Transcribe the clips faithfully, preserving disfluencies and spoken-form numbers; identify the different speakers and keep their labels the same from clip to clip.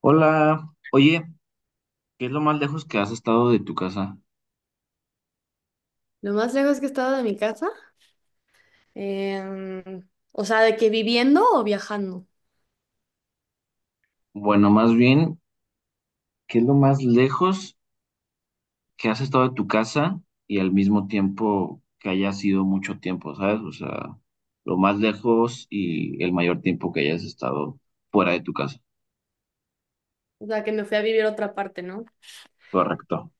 Speaker 1: Hola, oye, ¿qué es lo más lejos que has estado de tu casa?
Speaker 2: Lo más lejos que he estado de mi casa, em, o sea, de que viviendo o viajando,
Speaker 1: Bueno, más bien, ¿qué es lo más lejos que has estado de tu casa y al mismo tiempo que haya sido mucho tiempo? ¿Sabes? O sea, lo más lejos y el mayor tiempo que hayas estado fuera de tu casa.
Speaker 2: o sea, que me fui a vivir a otra parte, ¿no?
Speaker 1: Correcto.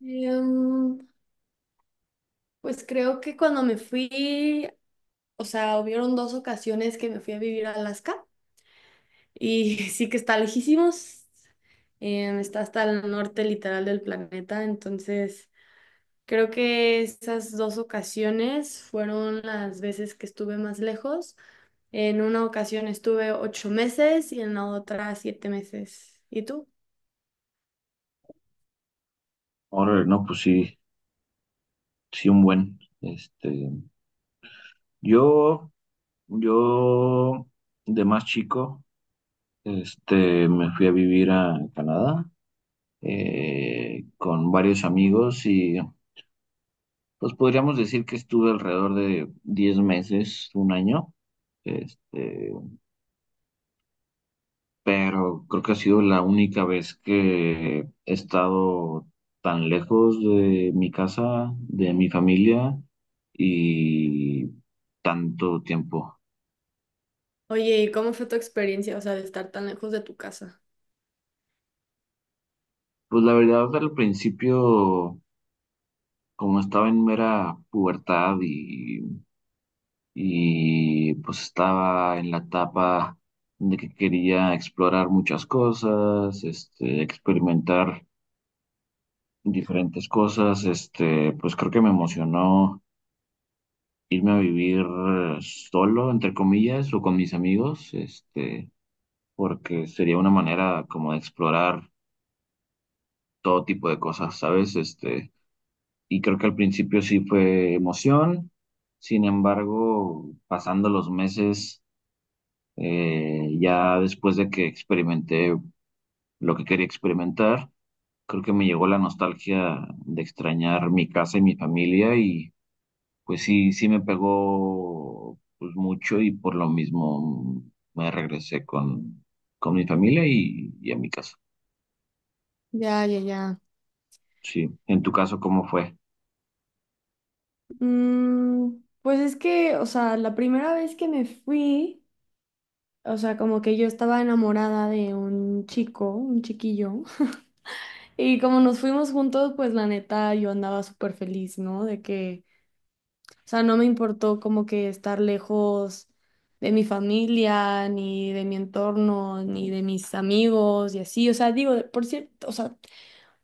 Speaker 2: Em, pues creo que cuando me fui, o sea, hubieron dos ocasiones que me fui a vivir a Alaska y sí que está lejísimos, em, está hasta el norte literal del planeta, entonces creo que esas dos ocasiones fueron las veces que estuve más lejos. En una ocasión estuve ocho meses y en la otra siete meses. ¿Y tú?
Speaker 1: Ahora, no, pues sí, sí, un buen. Este, yo, yo de más chico, este, me fui a vivir a Canadá eh, con varios amigos y pues podríamos decir que estuve alrededor de diez meses, un año, este, pero creo que ha sido la única vez que he estado tan lejos de mi casa, de mi familia y tanto tiempo.
Speaker 2: Oye, ¿y cómo fue tu experiencia, o sea, de estar tan lejos de tu casa?
Speaker 1: Pues la verdad, al principio, como estaba en mera pubertad y y pues estaba en la etapa de que quería explorar muchas cosas, este, experimentar diferentes cosas, este, pues creo que me emocionó irme a vivir eh, solo, entre comillas, o con mis amigos, este, porque sería una manera como de explorar todo tipo de cosas, ¿sabes? Este, y creo que al principio sí fue emoción. Sin embargo, pasando los meses, Eh, ya después de que experimenté lo que quería experimentar, creo que me llegó la nostalgia de extrañar mi casa y mi familia y pues sí, sí me pegó pues mucho, y por lo mismo me regresé con, con mi familia y, y a mi casa.
Speaker 2: Ya, ya, ya.
Speaker 1: Sí, en tu caso, ¿cómo fue?
Speaker 2: Mm, pues es que, o sea, la primera vez que me fui, o sea, como que yo estaba enamorada de un chico, un chiquillo, y como nos fuimos juntos, pues la neta yo andaba súper feliz, ¿no? De que o sea, no me importó como que estar lejos de mi familia, ni de mi entorno, ni de mis amigos y así. O sea, digo, por cierto,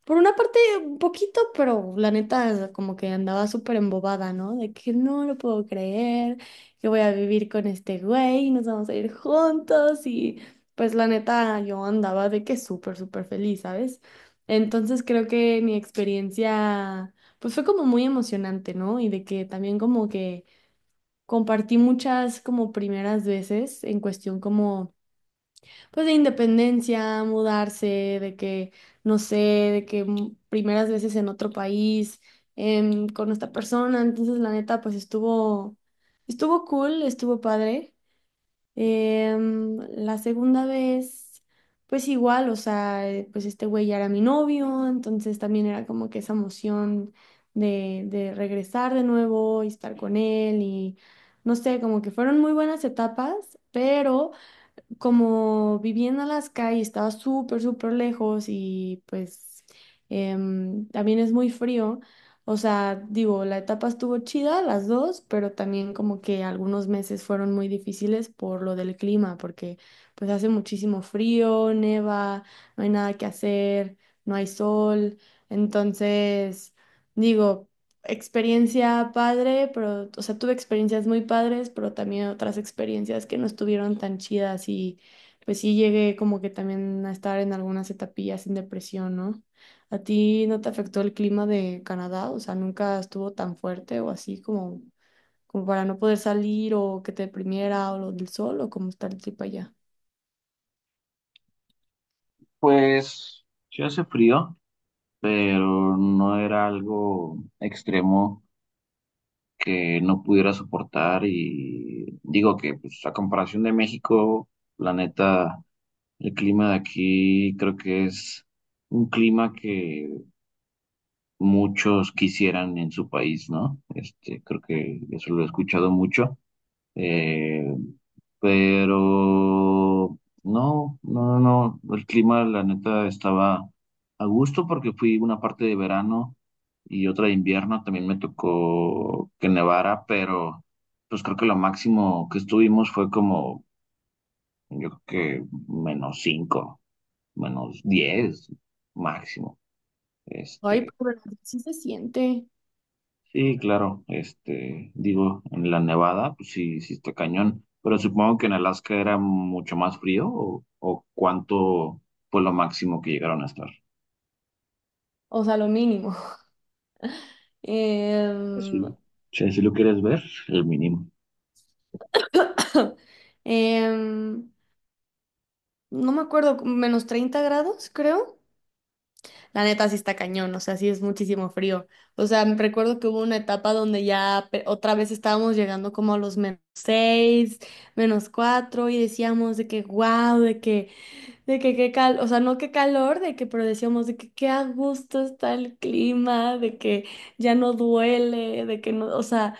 Speaker 2: por una parte, un poquito, pero la neta, como que andaba súper embobada, ¿no? De que no lo puedo creer, que voy a vivir con este güey, nos vamos a ir juntos y pues la neta, yo andaba de que súper, súper feliz, ¿sabes? Entonces creo que mi experiencia, pues fue como muy emocionante, ¿no? Y de que también como que compartí muchas como primeras veces en cuestión como pues de independencia, mudarse, de que, no sé, de que mm, primeras veces en otro país, em, con esta persona, entonces la neta, pues estuvo, estuvo cool, estuvo padre. Em, la segunda vez, pues igual, o sea, eh, pues este güey ya era mi novio, entonces también era como que esa emoción de, de regresar de nuevo y estar con él y, no sé, como que fueron muy buenas etapas, pero como viviendo en Alaska y estaba súper, súper lejos y pues em, también es muy frío, o sea, digo, la etapa estuvo chida, las dos, pero también como que algunos meses fueron muy difíciles por lo del clima, porque pues hace muchísimo frío, neva, no hay nada que hacer, no hay sol, entonces... Digo, experiencia padre, pero, o sea, tuve experiencias muy padres, pero también otras experiencias que no estuvieron tan chidas y pues sí llegué como que también a estar en algunas etapillas en depresión, ¿no? ¿A ti no te afectó el clima de Canadá? O sea, nunca estuvo tan fuerte o así como, como para no poder salir o que te deprimiera o lo del sol o cómo está el trip allá.
Speaker 1: Pues sí hace frío, pero no era algo extremo que no pudiera soportar, y digo que pues a comparación de México, la neta, el clima de aquí creo que es un clima que muchos quisieran en su país, ¿no? Este, creo que eso lo he escuchado mucho. Eh, pero no, no, no, no, el clima la neta estaba a gusto porque fui una parte de verano y otra de invierno, también me tocó que nevara, pero pues creo que lo máximo que estuvimos fue como, yo creo que menos cinco, menos diez máximo,
Speaker 2: Ay,
Speaker 1: este.
Speaker 2: pero sí se siente,
Speaker 1: Sí, claro, este, digo, en la Nevada, pues sí, sí está cañón, pero supongo que en Alaska era mucho más frío. O, ¿o cuánto fue lo máximo que llegaron a estar?
Speaker 2: o sea, lo mínimo.
Speaker 1: Sí,
Speaker 2: Em,
Speaker 1: sí, si lo quieres ver, el mínimo.
Speaker 2: Em, no me acuerdo, menos treinta grados, creo. La neta sí está cañón, o sea, sí es muchísimo frío. O sea, me recuerdo que hubo una etapa donde ya pe- otra vez estábamos llegando como a los menos seis menos cuatro y decíamos de que wow, de que, de que qué cal, o sea, no qué calor, de que, pero decíamos de que qué a gusto está el clima, de que ya no duele, de que no, o sea.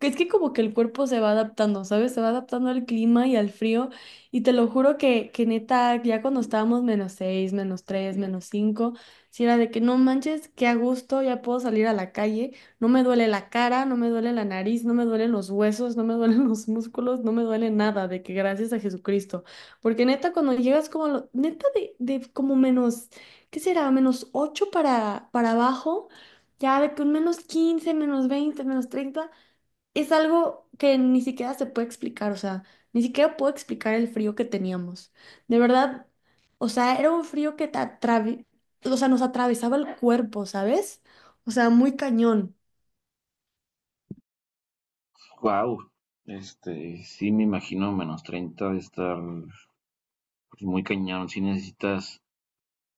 Speaker 2: Es que como que el cuerpo se va adaptando, ¿sabes? Se va adaptando al clima y al frío. Y te lo juro que, que neta, ya cuando estábamos menos seis, menos tres, menos cinco, si era de que no manches, qué a gusto, ya puedo salir a la calle, no me duele la cara, no me duele la nariz, no me duelen los huesos, no me duelen los músculos, no me duele nada, de que gracias a Jesucristo. Porque neta, cuando llegas como, a lo- neta de, de como menos, ¿qué será? Menos ocho para, para abajo. Ya de que un menos quince, menos veinte, menos treinta es algo que ni siquiera se puede explicar, o sea, ni siquiera puedo explicar el frío que teníamos. De verdad, o sea, era un frío que te atravi- o sea, nos atravesaba el cuerpo, ¿sabes? O sea, muy cañón.
Speaker 1: Wow, este, sí me imagino menos treinta, de estar pues muy cañón. Sí necesitas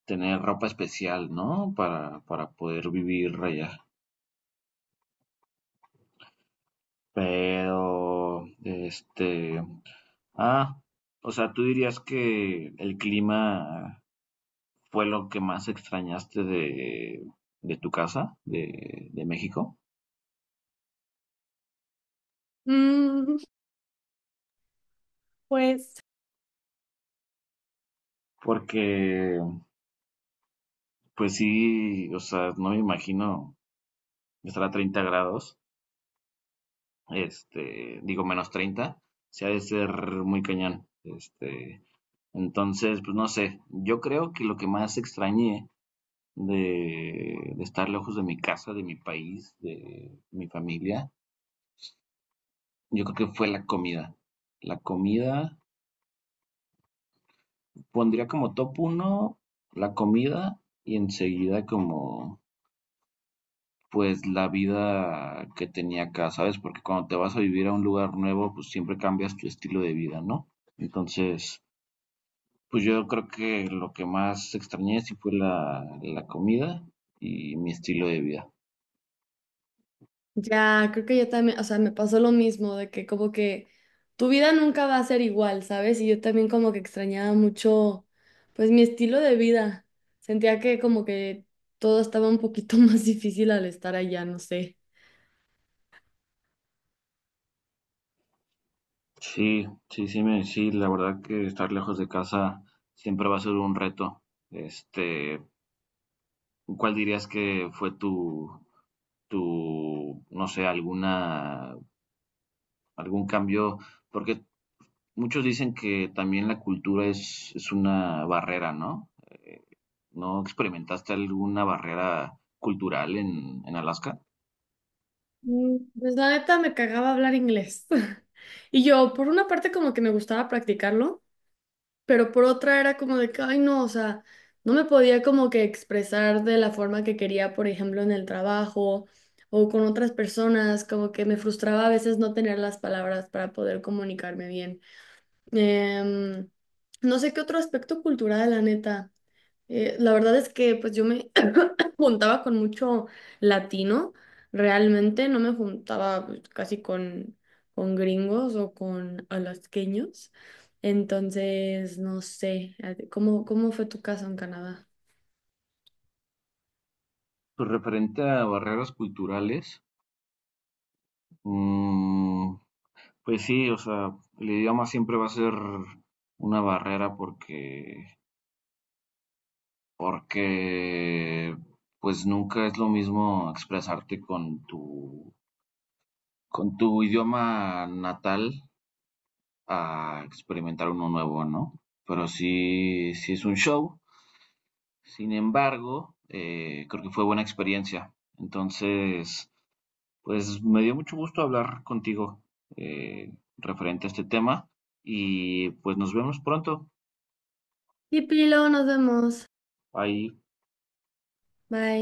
Speaker 1: tener ropa especial, ¿no? Para, para poder vivir allá. Pero, este, ah, o sea, tú dirías que el clima fue lo que más extrañaste de, de tu casa, de, de México,
Speaker 2: Mm, pues
Speaker 1: porque pues sí, o sea, no me imagino estar a treinta grados, este, digo menos treinta, se ha de ser muy cañón, este, entonces pues no sé, yo creo que lo que más extrañé de, de estar lejos de mi casa, de mi país, de mi familia, yo creo que fue la comida. La comida pondría como top uno, la comida, y enseguida como pues la vida que tenía acá, ¿sabes? Porque cuando te vas a vivir a un lugar nuevo, pues siempre cambias tu estilo de vida, ¿no? Entonces pues yo creo que lo que más extrañé sí fue la, la comida y mi estilo de vida.
Speaker 2: ya, creo que yo también, o sea, me pasó lo mismo, de que como que tu vida nunca va a ser igual, ¿sabes? Y yo también como que extrañaba mucho, pues mi estilo de vida. Sentía que como que todo estaba un poquito más difícil al estar allá, no sé.
Speaker 1: Sí, sí, sí, me, sí, la verdad que estar lejos de casa siempre va a ser un reto. Este, ¿cuál dirías que fue tu, tu, no sé, alguna, algún cambio? Porque muchos dicen que también la cultura es, es una barrera, ¿no? ¿No experimentaste alguna barrera cultural en, en Alaska?
Speaker 2: Mm, Pues la neta me cagaba hablar inglés. Y yo, por una parte, como que me gustaba practicarlo, pero por otra era como de que, ay, no, o sea, no me podía como que expresar de la forma que quería, por ejemplo, en el trabajo o con otras personas, como que me frustraba a veces no tener las palabras para poder comunicarme bien. Em, no sé qué otro aspecto cultural, la neta. Eh, la verdad es que pues yo me juntaba con mucho latino, realmente no me juntaba pues, casi con, con gringos o con alasqueños. Entonces, no sé, eh, ¿cómo, cómo fue tu caso en Canadá?
Speaker 1: Pues referente a barreras culturales, mm, pues sí, o sea, el idioma siempre va a ser una barrera, porque, porque pues nunca es lo mismo expresarte con tu con tu idioma natal a experimentar uno nuevo, ¿no? Pero sí, sí es un show. Sin embargo, eh, creo que fue buena experiencia. Entonces, pues me dio mucho gusto hablar contigo eh, referente a este tema, y pues nos vemos pronto.
Speaker 2: Y Pilo, nos vemos.
Speaker 1: Ahí
Speaker 2: Bye.